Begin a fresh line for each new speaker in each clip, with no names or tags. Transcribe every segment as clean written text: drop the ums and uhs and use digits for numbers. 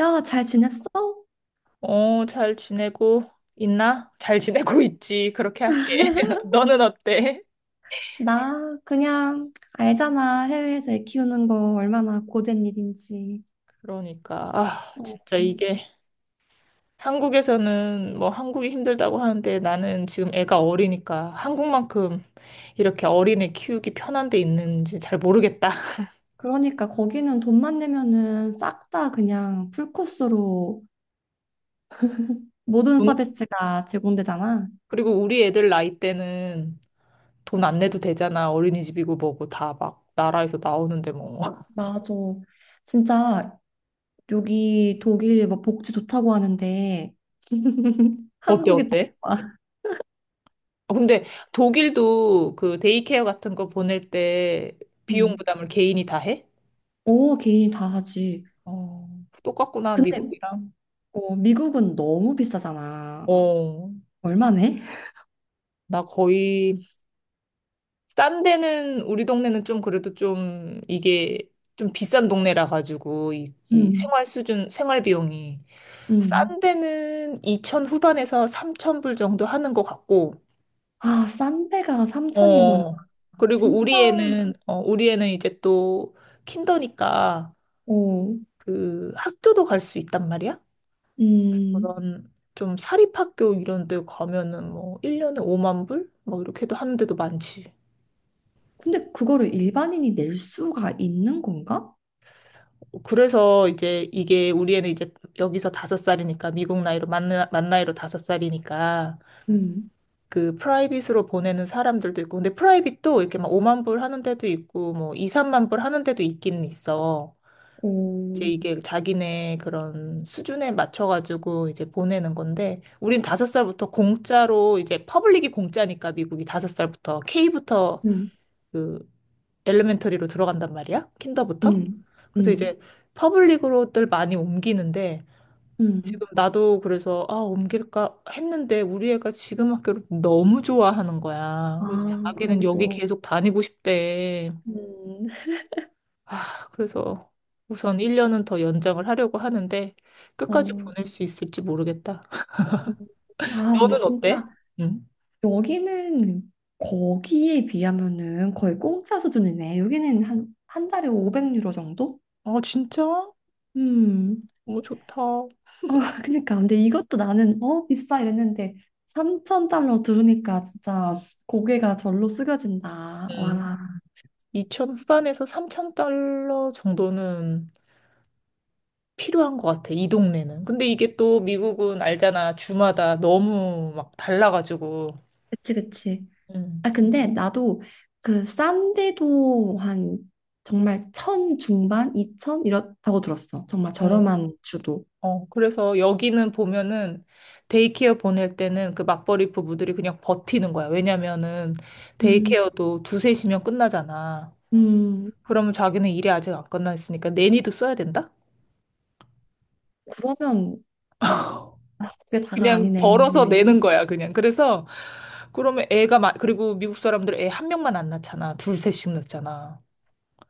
야, 잘 지냈어?
어, 잘 지내고 있나? 잘 지내고 있지. 그렇게 할게. 너는 어때?
나 그냥 알잖아. 해외에서 애 키우는 거 얼마나 고된 일인지.
그러니까, 아,
어,
진짜 이게 한국에서는 뭐 한국이 힘들다고 하는데 나는 지금 애가 어리니까 한국만큼 이렇게 어린애 키우기 편한 데 있는지 잘 모르겠다.
거기는 돈만 내면은 싹 다 그냥 풀코스로 모든
돈-
서비스가 제공되잖아.
그리고 우리 애들 나이 때는 돈 안 내도 되잖아. 어린이집이고 뭐고 다 막 나라에서 나오는데 뭐.
맞아. 진짜 여기 독일 뭐 복지 좋다고 하는데
어때,
한국이 더
어때?
좋아.
어, 근데 독일도 그 데이케어 같은 거 보낼 때 비용
응.
부담을 개인이 다 해?
오, 개인이 다 하지.
어, 똑같구나,
근데
미국이랑.
미국은 너무 비싸잖아.
어,
얼마네?
나 거의, 싼 데는, 우리 동네는 좀 그래도 좀 이게 좀 비싼 동네라 가지고 이
응.
생활 수준, 생활 비용이.
응.
싼 데는 2천 후반에서 3천 불 정도 하는 것 같고,
아, 싼 데가 삼천이구나.
어, 그리고
진짜.
우리 애는 이제 또 킨더니까
어,
그 학교도 갈 수 있단 말이야.
음.
그런 좀 사립학교 이런 데 가면은 뭐 1년에 5만 불? 뭐 이렇게도 하는 데도 많지.
근데 그거를 일반인이 낼 수가 있는 건가?
그래서 이제 이게 우리 애는 이제 여기서 다섯 살이니까 미국 나이로 만, 만 나이로 다섯 살이니까
음.
그 프라이빗으로 보내는 사람들도 있고 근데 프라이빗도 이렇게 막 5만 불 하는 데도 있고 뭐 2, 3만 불 하는 데도 있기는 있어. 이제
오,
이게 자기네 그런 수준에 맞춰가지고 이제 보내는 건데, 우린 다섯 살부터 공짜로, 이제 퍼블릭이 공짜니까 미국이 다섯 살부터 K부터
음.
그 엘레멘터리로 들어간단 말이야? 킨더부터?
음.
그래서
음.
이제 퍼블릭으로들 많이 옮기는데, 지금
음.
나도 그래서, 아, 옮길까 했는데, 우리 애가 지금 학교를 너무 좋아하는 거야. 그래서
아,
자기는
그럼
여기
또.
계속 다니고 싶대.
음.
아, 그래서 우선 1년은 더 연장을 하려고 하는데 끝까지
어.
보낼 수 있을지 모르겠다.
음. 아, 근데
너는 어때?
진짜
응.
여기는 거기에 비하면은 거의 공짜 수준이네. 여기는 한 한 달에 500유로 정도?
아, 진짜?
음.
너무 좋다.
어 그러니까 근데 이것도 나는 어 비싸 이랬는데 3천 달러 들으니까 진짜 고개가 절로 숙여진다.
음.
와,
이천 후반에서 3천 달러 정도는 필요한 것 같아, 이 동네는. 근데 이게 또 미국은 알잖아. 주마다 너무 막 달라가지고.
그치.
음.
아 근데 나도 그 싼데도 한 정말 천 중반, 이천 이렇다고 들었어. 정말
어,
저렴한 주도.
어, 그래서 여기는 보면은 데이케어 보낼 때는 그 맞벌이 부부들이 그냥 버티는 거야. 왜냐면은
음,
데이케어도 두세 시면 끝나잖아.
음.
그러면 자기는 일이 아직 안 끝났으니까 내니도 써야 된다?
그러면 아, 그게 다가
그냥
아니네.
벌어서
왜?
내는 거야, 그냥. 그래서 그러면 애가 그리고 미국 사람들 애 한 명만 안 낳잖아. 둘, 셋씩 낳잖아.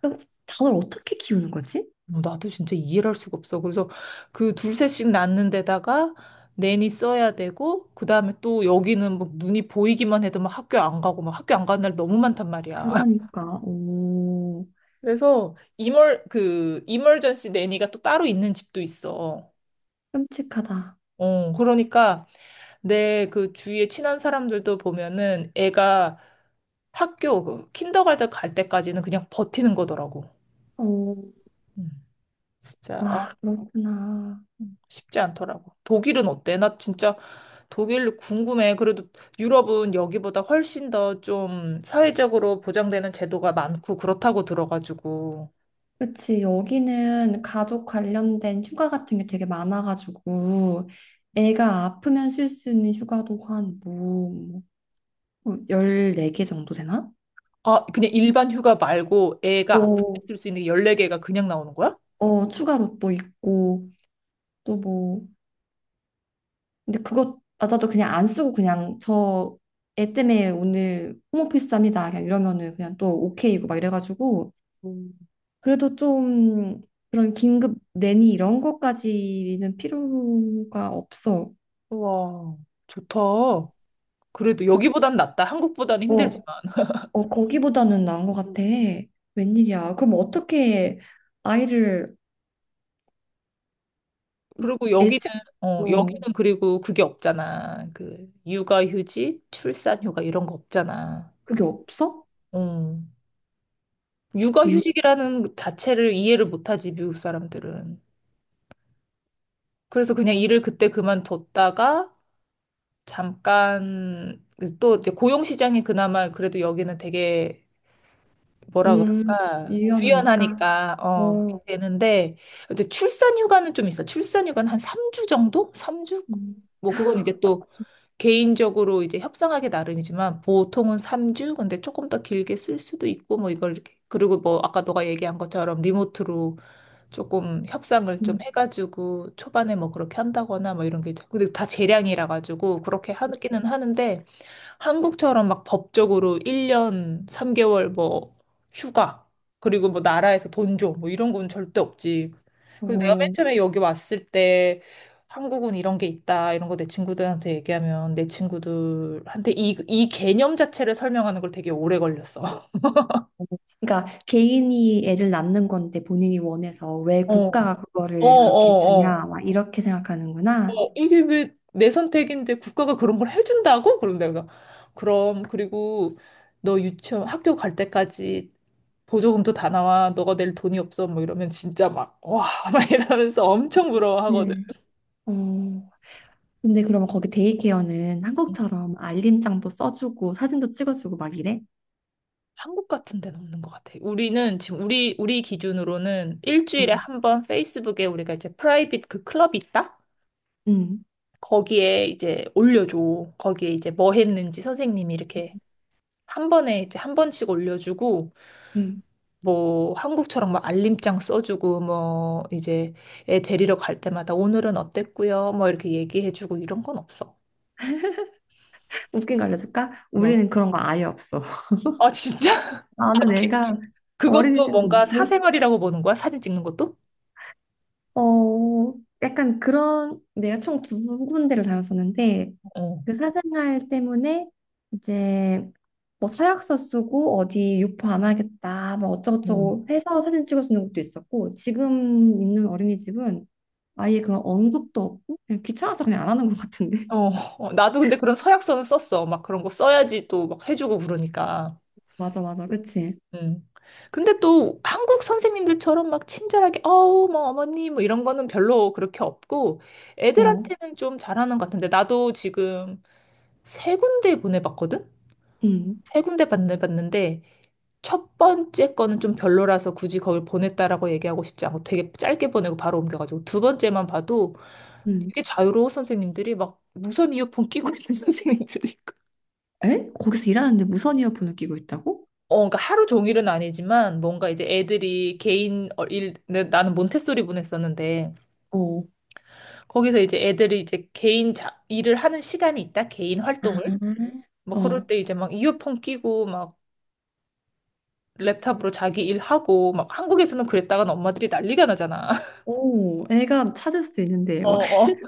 그러니까 다들 어떻게 키우는 거지?
어, 나도 진짜 이해를 할 수가 없어. 그래서 그 둘셋씩 낳는 데다가 내니 써야 되고, 그 다음에 또 여기는 뭐 눈이 보이기만 해도 막 학교 안 가고, 막 학교 안 가는 날 너무 많단 말이야.
그러니까 오.
그래서 이멀전시 내니가 또 따로 있는 집도 있어.
끔찍하다.
어, 그러니까 내 그 주위에 친한 사람들도 보면은 애가 학교, 그, 킨더가든 갈 때까지는 그냥 버티는 거더라고.
어,
음, 진짜. 아,
와, 그렇구나.
쉽지 않더라고. 독일은 어때? 나 진짜 독일 궁금해. 그래도 유럽은 여기보다 훨씬 더 좀 사회적으로 보장되는 제도가 많고 그렇다고 들어가지고.
그치, 여기는 가족 관련된 휴가 같은 게 되게 많아가지고, 애가 아프면 쓸 수 있는 휴가도 한 뭐, 14개 정도 되나?
아, 그냥 일반 휴가 말고 애가
오.
아플 수 있는 게 14개가 그냥 나오는 거야?
어, 추가로 또 있고, 또 뭐, 근데 그것마저도 그냥 안 쓰고 그냥 저 애 때문에 오늘 홈오피스 합니다. 그냥 이러면은 그냥 또 오케이고 막 이래가지고,
음.
그래도 좀 그런 긴급 내니 이런 것까지는 필요가 없어.
우와, 좋다. 그래도
그-
여기보단 낫다. 한국보다는
어,
힘들지만.
어, 거기보다는 나은 것 같아. 웬일이야. 그럼 어떻게 아이를
그리고 여기는,
예측,
어,
어,
여기는 그리고 그게 없잖아. 그, 육아휴직, 출산휴가 이런 거 없잖아.
그게 없어?
어.
웬일,
육아휴직이라는 자체를 이해를 못하지, 미국 사람들은. 그래서 그냥 일을 그때 그만뒀다가 잠깐 그또 이제 고용시장이 그나마 그래도 여기는 되게 뭐라
음,
그럴까
유연하니까.
유연하니까 어 그렇게
어,
되는데 이제 출산휴가는 좀 있어. 출산휴가는 한 3주 정도? 3주?
음,
뭐 그건 이제 또 개인적으로 이제 협상하기 나름이지만 보통은 3주 근데 조금 더 길게 쓸 수도 있고 뭐 이걸 이렇게 그리고 뭐 아까 너가 얘기한 것처럼 리모트로 조금 협상을
음.
좀 해가지고 초반에 뭐 그렇게 한다거나 뭐 이런 게 있죠. 근데 다 재량이라 가지고 그렇게 하기는 하는데 한국처럼 막 법적으로 1년 3개월 뭐 휴가 그리고 뭐 나라에서 돈 줘 뭐 이런 건 절대 없지. 그래서 내가 맨
어,
처음에 여기 왔을 때 한국은 이런 게 있다 이런 거 내 친구들한테 얘기하면 내 친구들한테 이 개념 자체를 설명하는 걸 되게 오래 걸렸어.
그러니까 개인이 애를 낳는 건데 본인이 원해서 왜
어,
국가가
어,
그거를 그렇게
어,
주냐, 막 이렇게 생각하는구나.
어, 이게 왜 내 선택인데 국가가 그런 걸 해준다고? 그런 내가 그럼 그리고 너 유치원 학교 갈 때까지 보조금도 다 나와. 너가 낼 돈이 없어. 뭐 이러면 진짜 막 와, 막 이러면서 엄청 부러워하거든.
네. 어, 근데 그러면 거기 데이케어는 한국처럼 알림장도 써주고 사진도 찍어주고 막 이래?
한국 같은 데는 없는 것 같아. 우리는 지금 우리 기준으로는 일주일에
응,
한 번 페이스북에 우리가 이제 프라이빗 그 클럽이 있다?
응,
거기에 이제 올려줘. 거기에 이제 뭐 했는지 선생님이 이렇게 한 번에 이제 한 번씩 올려주고
응.
뭐 한국처럼 막 알림장 써주고 뭐 이제 애 데리러 갈 때마다 오늘은 어땠고요 뭐 이렇게 얘기해주고 이런 건 없어.
웃긴 거 알려줄까?
뭐.
우리는 그런 거 아예 없어.
아 진짜? 아,
나는 애가
그것도
어린이집도
뭔가
없고,
사생활이라고 보는 거야? 사진 찍는 것도?
어, 약간 그런, 내가 총 두 군데를 다녔었는데,
어.
그 사생활 때문에 이제 뭐 서약서 쓰고 어디 유포 안 하겠다, 뭐
음.
어쩌고저쩌고 해서 사진 찍어주는 것도 있었고, 지금 있는 어린이집은 아예 그런 언급도 없고, 그냥 귀찮아서 그냥 안 하는 것 같은데.
어, 어, 나도 근데 그런 서약서는 썼어. 막 그런 거 써야지 또 막 해주고 그러니까.
맞아, 맞아, 그치?
음. 근데 또 한국 선생님들처럼 막 친절하게, 어우, 뭐, 어머니, 뭐 이런 거는 별로 그렇게 없고,
어,
애들한테는 좀 잘하는 것 같은데, 나도 지금 세 군데 보내봤거든?
응,
세 군데 보내봤는데 첫 번째 거는 좀 별로라서 굳이 거길 보냈다라고 얘기하고 싶지 않고 되게 짧게 보내고 바로 옮겨가지고 두 번째만 봐도
응.
되게 자유로운 선생님들이 막 무선 이어폰 끼고 있는 선생님들도 있고
에? 거기서 일하는데 무선 이어폰을 끼고 있다고?
어, 그러니까 하루 종일은 아니지만 뭔가 이제 애들이 개인 어, 나는 몬테소리 보냈었는데
어,
거기서 이제 애들이 이제 개인 일을 하는 시간이 있다 개인
아,
활동을 뭐
어,
그럴 때 이제 막 이어폰 끼고 막 랩탑으로 자기 일하고, 막 한국에서는 그랬다간 엄마들이 난리가 나잖아.
오, 애가 찾을 수도 있는데,
어,
막.
어.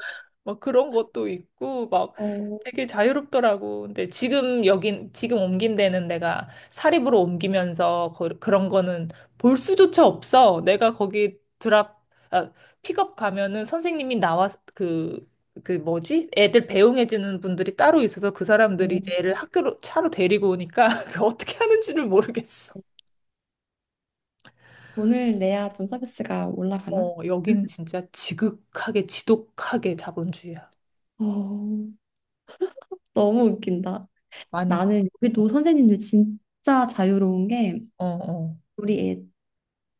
막 그런 것도 있고, 막
어,
되게 자유롭더라고. 근데 지금 여긴, 지금 옮긴 데는 내가 사립으로 옮기면서 그, 그런 거는 볼 수조차 없어. 내가 거기 아, 픽업 가면은 선생님이 나와, 그, 그 뭐지? 애들 배웅해주는 분들이 따로 있어서 그 사람들이
어.
이제 애를 학교로 차로 데리고 오니까 그 어떻게 하는지를 모르겠어.
돈을 내야 좀 서비스가 올라가나?
어, 여기는 진짜 지극하게, 지독하게 자본주의야.
어, 너무 웃긴다.
많이.
나는 여기도 선생님들 진짜 자유로운 게
어, 어,
우리 애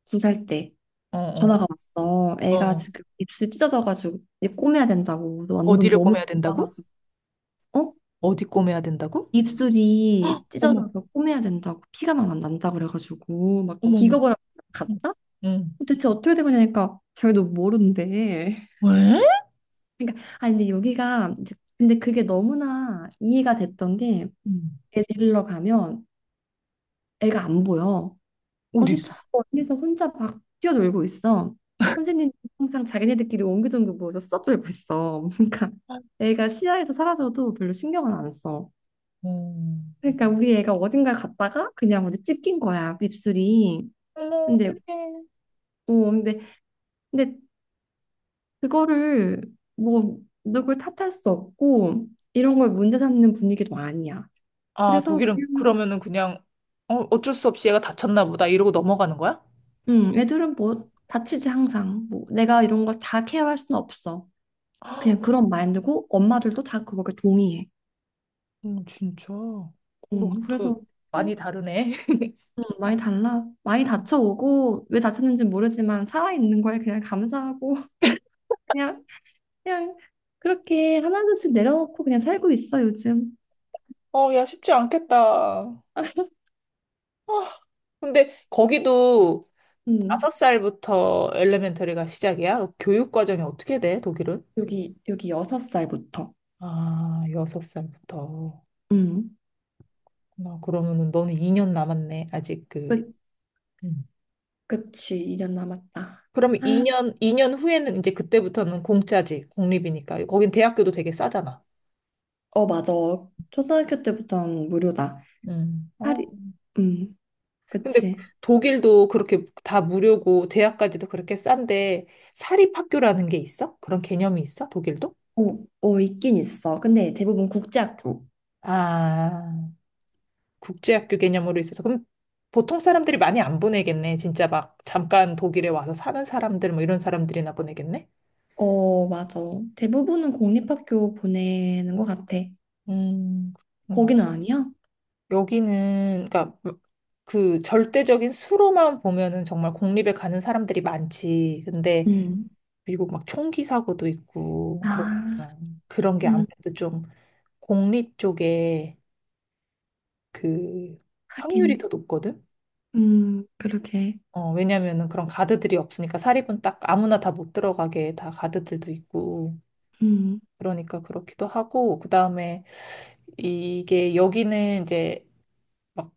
두 살 때
어, 어,
전화가 왔어. 애가
어.
지금 입술 찢어져가지고 이제 꼬매야 된다고. 완전
어디를
너무
꼬매야 된다고?
아파가지고. 어?
어디 꼬매야 된다고?
입술이
어머,
찢어져서 꼬매야 된다고 피가 막 난다 그래가지고 막
어머, 어머.
기겁을 하고
응.
갔다.
응.
도대체 어떻게 된 거냐니까 저희도 모르는데.
왜?
그러니까 아 근데 여기가 이제 근데 그게 너무나 이해가 됐던 게
응.
애 데리러 가면 애가 안 보여.
어디
어제
있어?
저 멀리서 혼자 막 뛰어놀고 있어. 선생님 항상 자기네들끼리 옹기종기 모여서 써돌고 있어. 그러니까 애가 시야에서 사라져도 별로 신경을 안 써.
음.
그러니까 우리 애가 어딘가 갔다가 그냥 어디 찝낀 거야 입술이.
어머,
근데
어떡해.
어 근데 근데 그거를 뭐 누굴 탓할 수 없고 이런 걸 문제 삼는 분위기도 아니야.
아,
그래서
독일은
그냥
그러면은 그냥 어, 어쩔 수 없이 얘가 다쳤나 보다 이러고 넘어가는 거야?
애들은 뭐 다치지 항상. 뭐 내가 이런 걸 다 케어할 수는 없어. 그냥 그런 마인드고 엄마들도 다 그거에 동의해.
진짜. 그것도
그래서 그냥
많이 다르네.
많이 달라. 많이 다쳐오고 왜 다쳤는지 모르지만 살아있는 거에 그냥 감사하고. 그냥 그냥 그렇게 하나둘씩 내려놓고 그냥 살고 있어 요즘.
어, 야, 쉽지 않겠다. 아, 근데 거기도
음,
다섯 살부터 엘레멘터리가 시작이야? 교육 과정이 어떻게 돼, 독일은?
여기 여섯 살부터.
아, 여섯 살부터.
음.
나 그러면은 너는 2년 남았네, 아직 그.
그
음.
그치, 2년 남았다.
그럼 이
아,
년 2년 후에는 이제 그때부터는 공짜지, 공립이니까. 거긴 대학교도 되게 싸잖아.
어, 맞아. 초등학교 때부터는 무료다.
음. 어.
할인, 음,
근데
그치.
독일도 그렇게 다 무료고 대학까지도 그렇게 싼데 사립학교라는 게 있어? 그런 개념이 있어? 독일도?
어, 어, 있긴 있어. 근데 대부분 국제학교.
아. 국제학교 개념으로 있어서 그럼 보통 사람들이 많이 안 보내겠네. 진짜 막 잠깐 독일에 와서 사는 사람들 뭐 이런 사람들이나 보내겠네.
어, 맞아. 대부분은 공립학교 보내는 것 같아.
음, 그렇구나.
거기는 아니야?
여기는 그러니까 그 절대적인 수로만 보면은 정말 공립에 가는 사람들이 많지. 근데
음.
미국 막 총기 사고도 있고
아,
그렇잖아. 그런 게
음,
아무래도 좀 공립 쪽에 그 확률이
하긴.
더 높거든.
그러게.
어, 왜냐면은 그런 가드들이 없으니까 사립은 딱 아무나 다 못 들어가게 다 가드들도 있고
음,
그러니까 그렇기도 하고 그다음에 이게 여기는 이제 막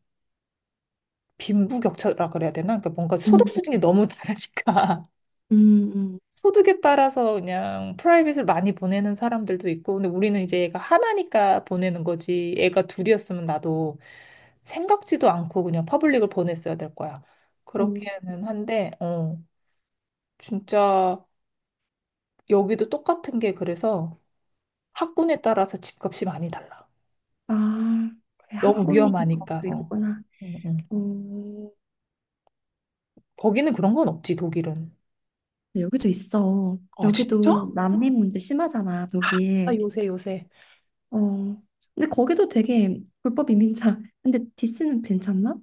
빈부격차라 그래야 되나? 그러니까 뭔가 소득
음,
수준이 너무 다르니까
음, 음.
소득에 따라서 그냥 프라이빗을 많이 보내는 사람들도 있고 근데 우리는 이제 애가 하나니까 보내는 거지 애가 둘이었으면 나도 생각지도 않고 그냥 퍼블릭을 보냈어야 될 거야.
어,
그렇게는 한데 어 진짜 여기도 똑같은 게 그래서 학군에 따라서 집값이 많이 달라.
아, 그래,
너무
학군이
위험하니까.
거기도
어.
있구나.
응, 응.
어,
거기는 그런 건 없지, 독일은.
근데 여기도 있어.
아, 진짜?
여기도 난민 문제 심하잖아,
아,
독일.
요새 요새.
어. 근데 거기도 되게 불법 이민자. 근데 디스는 괜찮나?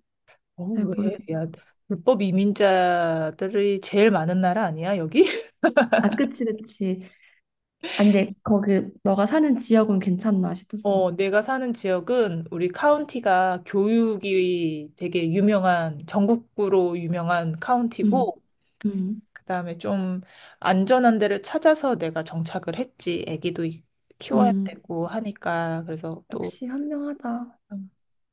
어,
잘
왜?
모르겠다.
야, 불법 이민자들이 제일 많은 나라 아니야, 여기?
아, 그치, 그치. 아, 근데 거기 너가 사는 지역은 괜찮나 싶었어.
어, 내가 사는 지역은 우리 카운티가 교육이 되게 유명한, 전국구로 유명한
음,
카운티고,
음,
그다음에 좀 안전한 데를 찾아서 내가 정착을 했지. 아기도 키워야
음.
되고 하니까 그래서 또
역시 현명하다.
음,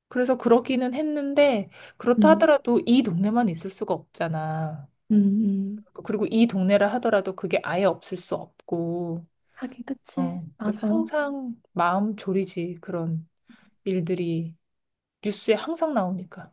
그래서 그러기는 했는데 그렇다
음,
하더라도 이 동네만 있을 수가 없잖아.
음, 음.
그리고 이 동네라 하더라도 그게 아예 없을 수 없고.
하긴, 그치.
어, 그래서
맞아.
항상 마음 졸이지 그런 일들이 뉴스에 항상 나오니까.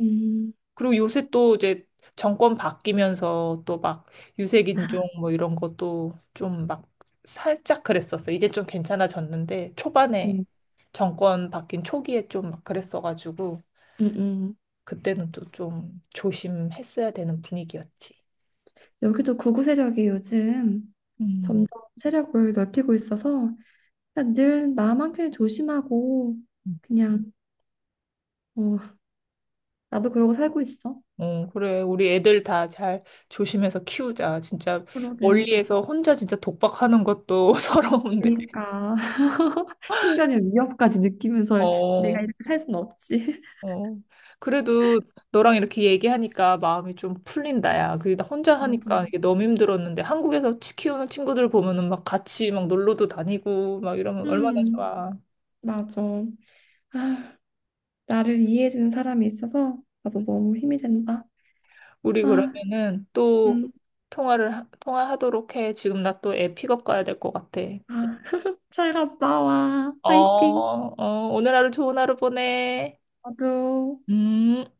음,
그리고 요새 또 이제 정권 바뀌면서 또 막 유색 인종 뭐 이런 것도 좀 막 살짝 그랬었어. 이제 좀 괜찮아졌는데
어,
초반에 정권 바뀐 초기에 좀 막 그랬어가지고
음.
그때는 또 좀 조심했어야 되는 분위기였지.
여기도 구구 세력이 요즘 점점
음.
세력을 넓히고 있어서 그러니까 늘 나만큼 조심하고
음.
그냥 어, 나도 그러고 살고 있어.
어, 그래. 우리 애들 다 잘 조심해서 키우자. 진짜
그러게.
멀리에서 혼자 진짜 독박하는 것도 서러운데.
그러니까 신변의 위협까지 느끼면서 내가
어,
이렇게 살 수는 없지.
어, 그래도 너랑 이렇게 얘기하니까 마음이 좀 풀린다, 야. 그게 나 혼자
나도.
하니까 이게 너무 힘들었는데 한국에서 치 키우는 친구들 보면은 막 같이 막 놀러도 다니고 막 이러면 얼마나
음,
좋아.
맞아. 아, 나를 이해해주는 사람이 있어서 나도 너무 힘이 된다.
우리
아,
그러면은 또
음,
통화를, 통화하도록 해. 지금 나 또 애 픽업 가야 될 것 같아.
아, 잘 갔다 와.
어,
화이팅.
어, 오늘 하루 좋은 하루 보내.
나도.
음.